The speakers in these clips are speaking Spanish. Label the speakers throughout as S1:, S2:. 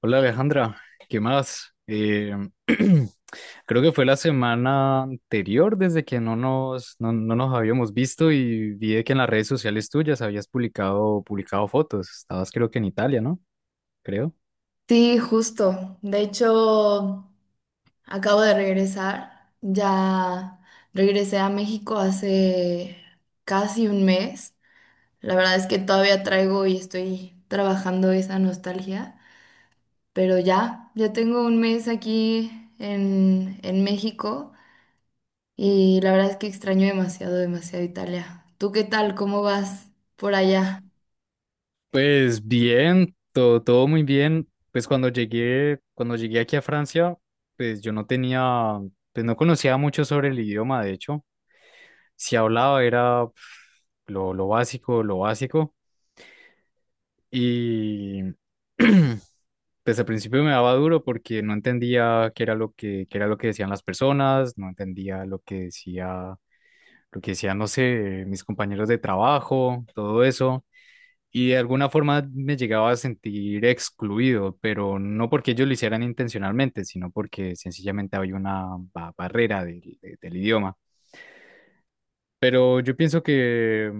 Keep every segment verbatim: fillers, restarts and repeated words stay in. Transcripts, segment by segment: S1: Hola Alejandra, ¿qué más? Eh, creo que fue la semana anterior desde que no nos, no, no nos habíamos visto y vi que en las redes sociales tuyas habías publicado, publicado fotos. Estabas creo que en Italia, ¿no? Creo.
S2: Sí, justo. De hecho, acabo de regresar. Ya regresé a México hace casi un mes. La verdad es que todavía traigo y estoy trabajando esa nostalgia. Pero ya, ya tengo un mes aquí en, en México y la verdad es que extraño demasiado, demasiado Italia. ¿Tú qué tal? ¿Cómo vas por allá?
S1: Pues bien, todo, todo muy bien. Pues cuando llegué, cuando llegué aquí a Francia, pues yo no tenía, pues no conocía mucho sobre el idioma, de hecho. Si hablaba era pf, lo, lo básico, lo básico. Y pues al principio me daba duro porque no entendía qué era lo que, qué era lo que decían las personas, no entendía lo que decía, lo que decían, no sé, mis compañeros de trabajo, todo eso. Y de alguna forma me llegaba a sentir excluido, pero no porque ellos lo hicieran intencionalmente, sino porque sencillamente había una ba- barrera del de- del idioma. Pero yo pienso que,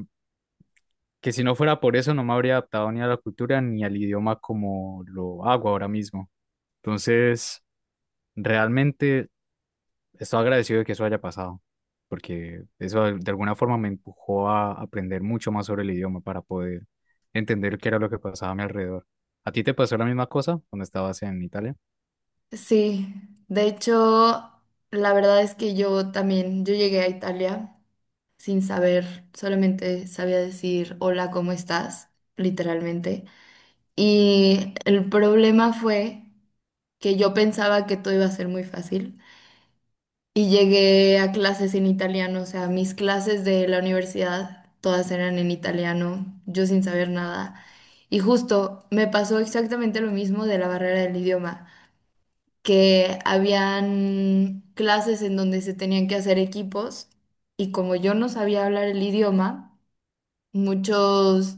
S1: que si no fuera por eso, no me habría adaptado ni a la cultura ni al idioma como lo hago ahora mismo. Entonces... Realmente estoy agradecido de que eso haya pasado, porque eso de de alguna forma me empujó a aprender mucho más sobre el idioma para poder entender qué era lo que pasaba a mi alrededor. ¿A ti te pasó la misma cosa cuando estabas en Italia?
S2: Sí, de hecho, la verdad es que yo también, yo llegué a Italia, sin saber, solamente sabía decir hola, ¿cómo estás?, literalmente. Y el problema fue que yo pensaba que todo iba a ser muy fácil y llegué a clases en italiano, o sea, mis clases de la universidad todas eran en italiano, yo sin saber nada. Y justo me pasó exactamente lo mismo de la barrera del idioma, que habían clases en donde se tenían que hacer equipos y como yo no sabía hablar el idioma, Muchos,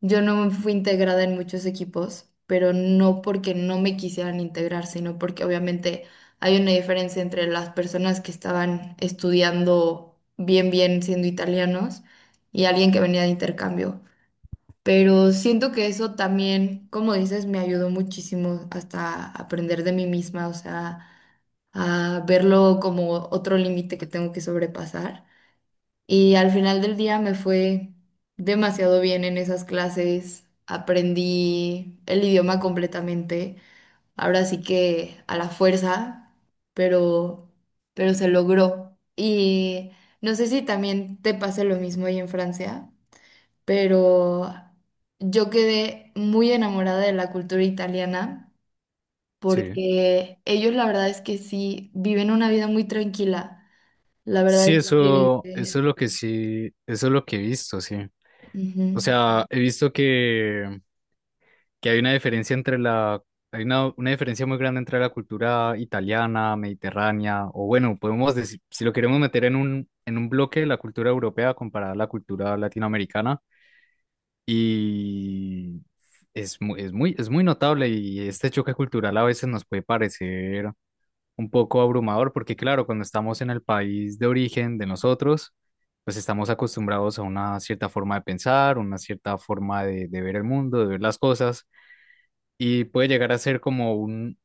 S2: yo no fui integrada en muchos equipos, pero no porque no me quisieran integrar, sino porque obviamente hay una diferencia entre las personas que estaban estudiando bien, bien siendo italianos y alguien que venía de intercambio. Pero siento que eso también, como dices, me ayudó muchísimo hasta aprender de mí misma, o sea, a verlo como otro límite que tengo que sobrepasar. Y al final del día me fue demasiado bien en esas clases. Aprendí el idioma completamente. Ahora sí que a la fuerza, pero, pero se logró. Y no sé si también te pase lo mismo ahí en Francia, pero yo quedé muy enamorada de la cultura italiana
S1: Sí.
S2: porque ellos la verdad es que sí viven una vida muy tranquila. La verdad
S1: Sí,
S2: es
S1: eso, eso
S2: que,
S1: es lo que sí, eso es lo que he visto, sí. O
S2: ujú.
S1: sea, he visto que que hay una diferencia entre la, hay una, una diferencia muy grande entre la cultura italiana, mediterránea, o bueno, podemos decir, si lo queremos meter en un, en un bloque, la cultura europea comparada a la cultura latinoamericana, y es muy, es muy, es muy notable y este choque cultural a veces nos puede parecer un poco abrumador, porque claro, cuando estamos en el país de origen de nosotros, pues estamos acostumbrados a una cierta forma de pensar, una cierta forma de de ver el mundo, de ver las cosas y puede llegar a ser como un,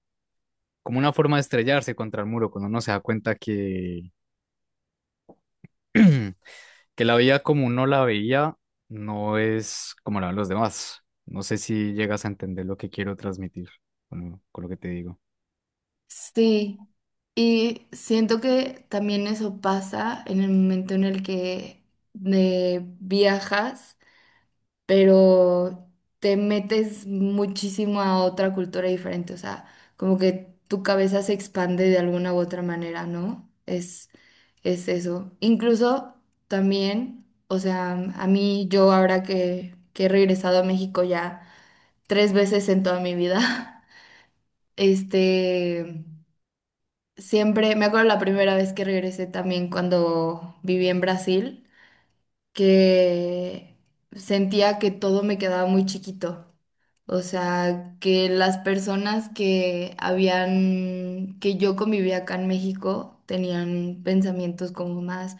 S1: como una forma de estrellarse contra el muro, cuando uno se da cuenta que, que la vida como uno la veía no es como la ven los demás. No sé si llegas a entender lo que quiero transmitir con, lo con lo que te digo.
S2: Sí, y siento que también eso pasa en el momento en el que eh, viajas, pero te metes muchísimo a otra cultura diferente, o sea, como que tu cabeza se expande de alguna u otra manera, ¿no? Es, es eso. Incluso también, o sea, a mí yo ahora que, que he regresado a México ya tres veces en toda mi vida, este... Siempre, me acuerdo la primera vez que regresé también cuando viví en Brasil, que sentía que todo me quedaba muy chiquito. O sea, que las personas que habían, que yo convivía acá en México, tenían pensamientos como más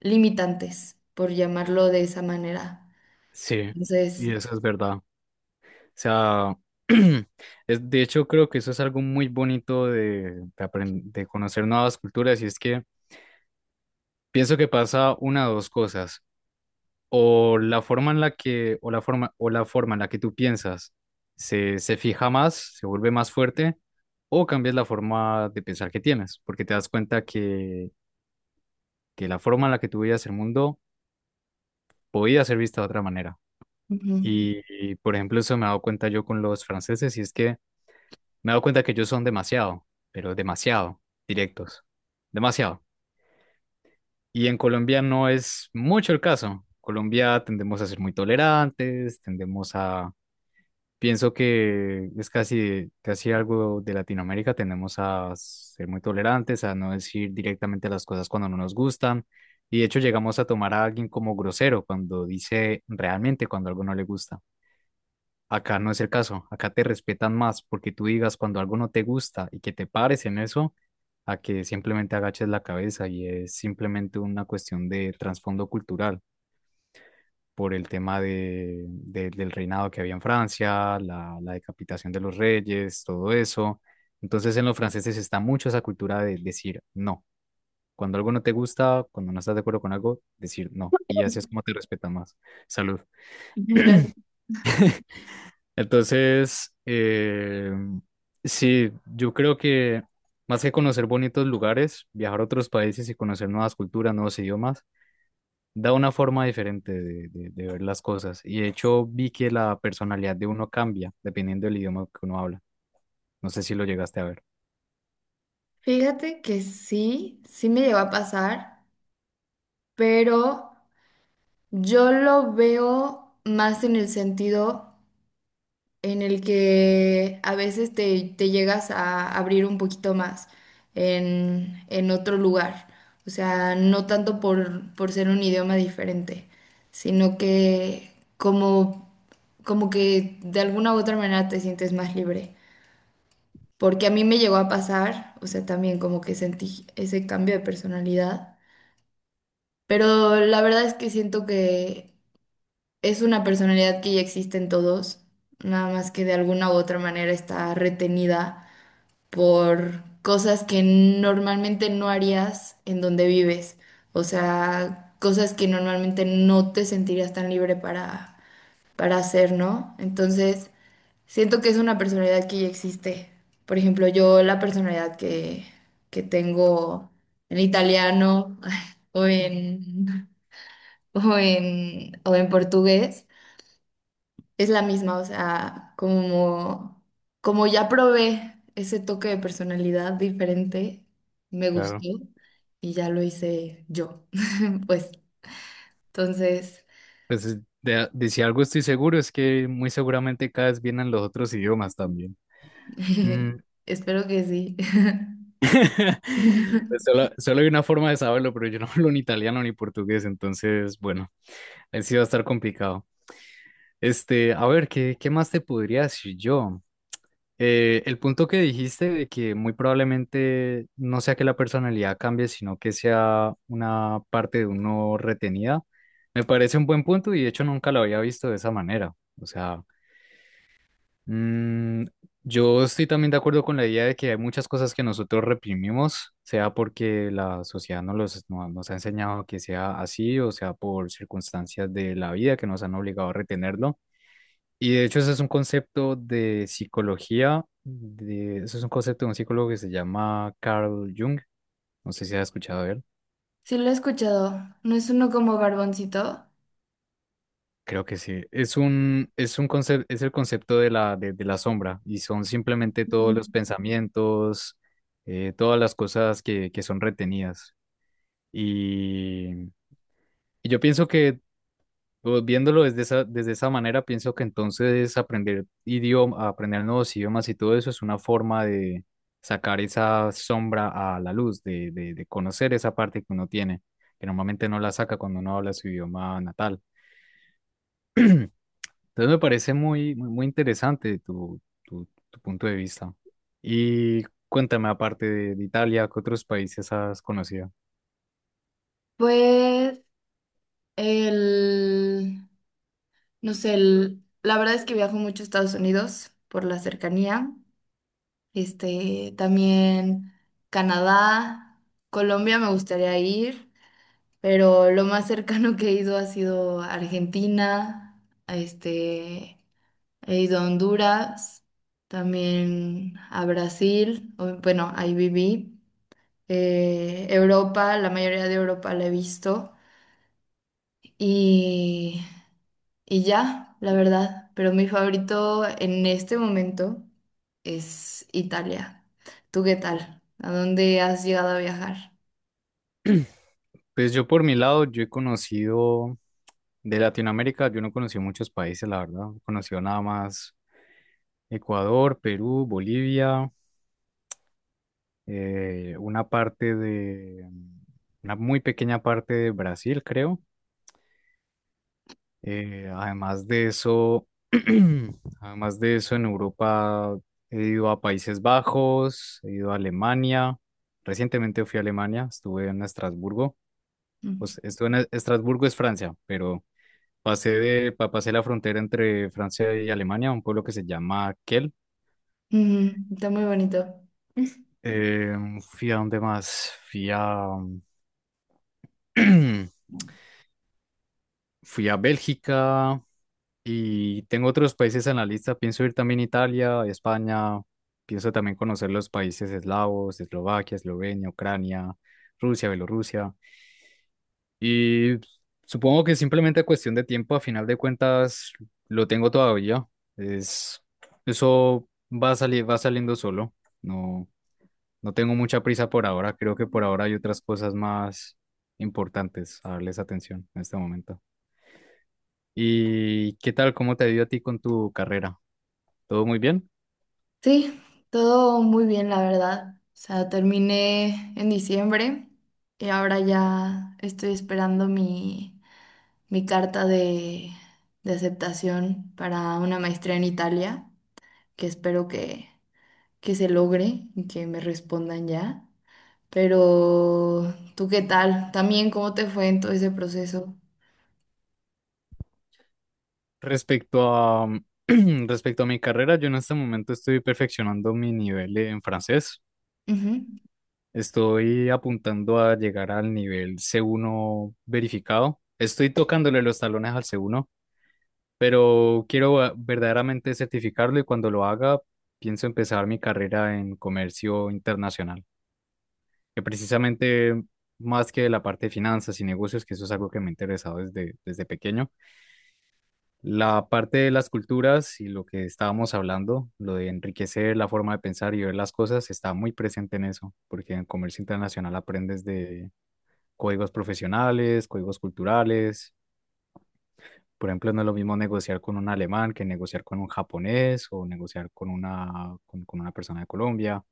S2: limitantes, por llamarlo de esa manera.
S1: Sí,
S2: Entonces,
S1: y eso es verdad. O sea, es, de hecho creo que eso es algo muy bonito de, de, apren- de conocer nuevas culturas y es que pienso que pasa una de dos cosas. O la forma en la que, o la forma, o la forma en la que tú piensas se, se fija más, se vuelve más fuerte, o cambias la forma de pensar que tienes, porque te das cuenta que, que la forma en la que tú veías el mundo podía ser vista de otra manera.
S2: ujú.
S1: Y, y, por ejemplo, eso me he dado cuenta yo con los franceses, y es que me he dado cuenta que ellos son demasiado, pero demasiado directos, demasiado. Y en Colombia no es mucho el caso. Colombia tendemos a ser muy tolerantes, tendemos a pienso que es casi, casi algo de Latinoamérica. Tenemos a ser muy tolerantes, a no decir directamente las cosas cuando no nos gustan. Y de hecho llegamos a tomar a alguien como grosero cuando dice realmente cuando algo no le gusta. Acá no es el caso. Acá te respetan más porque tú digas cuando algo no te gusta y que te pares en eso, a que simplemente agaches la cabeza y es simplemente una cuestión de trasfondo cultural por el tema de, de- del reinado que había en Francia, la, la decapitación de los reyes, todo eso. Entonces en los franceses está mucho esa cultura de decir no. Cuando algo no te gusta, cuando no estás de acuerdo con algo, decir no. Y así es como te respetan más. Salud.
S2: Mira,
S1: Entonces, eh, sí, yo creo que más que conocer bonitos lugares, viajar a otros países y conocer nuevas culturas, nuevos idiomas, da una forma diferente de, de- de ver las cosas. Y de hecho vi que la personalidad de uno cambia dependiendo del idioma que uno habla. No sé si lo llegaste a ver.
S2: fíjate que sí, sí me llegó a pasar, pero, yo lo veo más en el sentido en el que a veces te, te llegas a abrir un poquito más en, en otro lugar. O sea, no tanto por, por ser un idioma diferente, sino que como, como que de alguna u otra manera te sientes más libre. Porque a mí me llegó a pasar, o sea, también como que sentí ese cambio de personalidad. Pero la verdad es que siento que es una personalidad que ya existe en todos, nada más que de alguna u otra manera está retenida por cosas que normalmente no harías en donde vives, o sea, cosas que normalmente no te sentirías tan libre para, para hacer, ¿no? Entonces, siento que es una personalidad que ya existe. Por ejemplo, yo la personalidad que, que tengo en italiano o en, o en, o en portugués es la misma, o sea, como, como ya probé ese toque de personalidad diferente, me gustó
S1: Claro.
S2: y ya lo hice yo. Pues entonces,
S1: Pues es- de, de si algo estoy seguro es que muy seguramente cada vez vienen los otros idiomas también. Mm.
S2: espero que sí.
S1: Pues solo, solo hay una forma de saberlo, pero yo no hablo ni italiano ni portugués, entonces, bueno, ahí sí va a estar complicado. Este, a ver, ¿qué, qué más te podría decir yo? Eh, el punto que dijiste de que muy probablemente no sea que la personalidad cambie, sino que sea una parte de uno retenida, me parece un buen punto y de hecho nunca lo había visto de esa manera. O sea, mm, yo estoy también de acuerdo con la idea de que hay muchas cosas que nosotros reprimimos, sea porque la sociedad nos, los, no- nos ha enseñado que sea así, o sea por circunstancias de la vida que nos han obligado a retenerlo. Y de hecho, ese es un concepto de psicología, de, eso es un concepto de un psicólogo que se llama Carl Jung. No sé si has escuchado de él.
S2: Sí, lo he escuchado, ¿no es uno como Barboncito?
S1: Creo que sí. Es un, es un concepto, es el concepto de la, de, de la sombra y son simplemente todos
S2: Mm.
S1: los pensamientos, eh, todas las cosas que, que son retenidas. Y, y yo pienso que pues, viéndolo desde esa, desde esa manera, pienso que entonces aprender idioma, aprender nuevos idiomas y todo eso es una forma de sacar esa sombra a la luz, de, de, de conocer esa parte que uno tiene, que normalmente no la saca cuando uno habla su idioma natal. Entonces me parece muy, muy, muy interesante tu, tu, tu punto de vista. Y cuéntame, aparte de, de Italia, ¿qué otros países has conocido?
S2: Pues el, no sé, el- la verdad es que viajo mucho a Estados Unidos por la cercanía. Este, también Canadá, Colombia me gustaría ir, pero lo más cercano que he ido ha sido Argentina, este, he ido a Honduras, también a Brasil, o- bueno, ahí viví, eh, Europa, la mayoría de Europa la he visto y y ya, la verdad, pero mi favorito en este momento es Italia. ¿Tú qué tal? ¿A dónde has llegado a viajar?
S1: Pues yo por mi lado, yo he conocido de Latinoamérica, yo no conocí muchos países, la verdad, he conocido nada más. Ecuador, Perú, Bolivia, eh, una parte de, una muy pequeña parte de Brasil, creo. Eh, además de eso, además de eso, en Europa he ido a Países Bajos, he ido a Alemania. Recientemente fui a Alemania, estuve en Estrasburgo.
S2: Mm.
S1: Pues estuve en Estrasburgo es Francia, pero pasé de, pa- pasé la frontera entre Francia y Alemania, a un pueblo que se llama Kiel.
S2: Ujú, está muy bonito.
S1: Eh, fui a dónde más, fui a, fui a Bélgica y tengo otros países en la lista. Pienso ir también a Italia, España. Pienso también conocer los países eslavos, Eslovaquia, Eslovenia, Ucrania, Rusia, Bielorrusia. Y supongo que simplemente cuestión de tiempo, a final de cuentas, lo tengo todavía. Es, eso va a salir, va saliendo solo. No, no tengo mucha prisa por ahora. Creo que por ahora hay otras cosas más importantes a darles atención en este momento. ¿Y qué tal? ¿Cómo te ha ido a ti con tu carrera? ¿Todo muy bien?
S2: Sí, todo muy bien, la verdad. O sea, terminé en diciembre y ahora ya estoy esperando mi, mi carta de, de aceptación para una maestría en Italia, que espero que, que se logre y que me respondan ya. Pero, ¿tú qué tal? También, ¿cómo te fue en todo ese proceso?
S1: Respecto a, respecto a mi carrera, yo en este momento estoy perfeccionando mi nivel en francés.
S2: Ujú,
S1: Estoy apuntando a llegar al nivel C uno verificado. Estoy tocándole los talones al C uno, pero quiero va- verdaderamente certificarlo y cuando lo haga, pienso empezar mi carrera en comercio internacional, que precisamente más que la parte de finanzas y negocios, que eso es algo que me ha interesado desde, desde pequeño. La parte de las culturas y lo que estábamos hablando, lo de enriquecer la forma de pensar y ver las cosas, está muy presente en eso, porque en comercio internacional aprendes de códigos profesionales, códigos culturales. Por ejemplo, no es lo mismo negociar con un alemán que negociar con un japonés o negociar con una, con, con una persona de Colombia.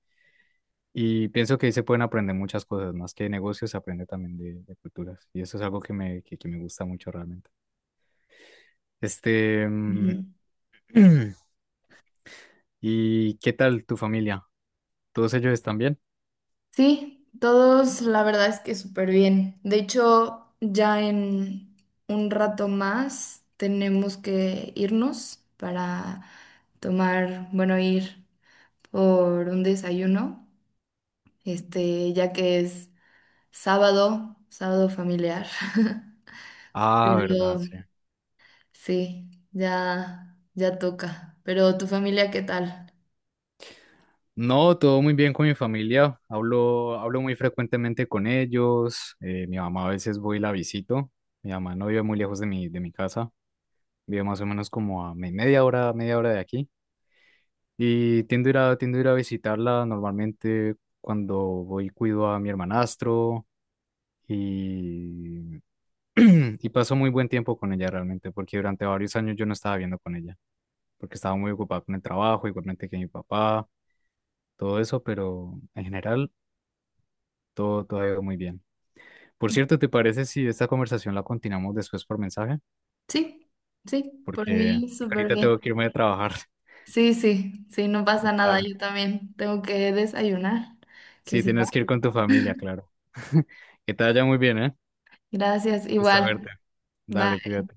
S1: Y pienso que ahí se pueden aprender muchas cosas, más que de negocios, se aprende también de, de culturas. Y eso es algo que me, que que me gusta mucho realmente. Este, mm,
S2: ujú.
S1: ¿y qué tal tu familia? ¿Todos ellos están bien?
S2: Sí, todos la verdad es que súper bien. De hecho, ya en un rato más tenemos que irnos para tomar, bueno, ir por un desayuno, este, ya que es sábado, sábado familiar.
S1: Ah, verdad,
S2: Pero
S1: sí.
S2: sí, ya, ya toca. Pero tu familia, ¿qué tal?
S1: No, todo muy bien con mi familia. Hablo, hablo muy frecuentemente con ellos. Eh, mi mamá a veces voy y la visito. Mi mamá no vive muy lejos de mi, de mi casa. Vive más o menos como a me- media hora, media hora de aquí. Y tiendo a ir a, tiendo a ir a visitarla normalmente cuando voy cuido a mi hermanastro y, y paso muy buen tiempo con ella realmente, porque durante varios años yo no estaba viviendo con ella, porque estaba muy ocupada con el trabajo, igualmente que mi papá. Todo eso, pero en general todo, todo ha ido muy bien. Por cierto, ¿te parece si esta conversación la continuamos después por mensaje?
S2: Sí, sí, por
S1: Porque
S2: mí súper
S1: ahorita tengo
S2: bien.
S1: que irme a trabajar.
S2: Sí, sí, sí, no pasa nada,
S1: Dale.
S2: yo también tengo que desayunar, que
S1: Sí,
S2: si no.
S1: tienes que ir con tu familia, claro. Que te vaya muy bien, ¿eh? Un
S2: Gracias,
S1: gusto verte.
S2: igual.
S1: Dale,
S2: Bye.
S1: cuídate.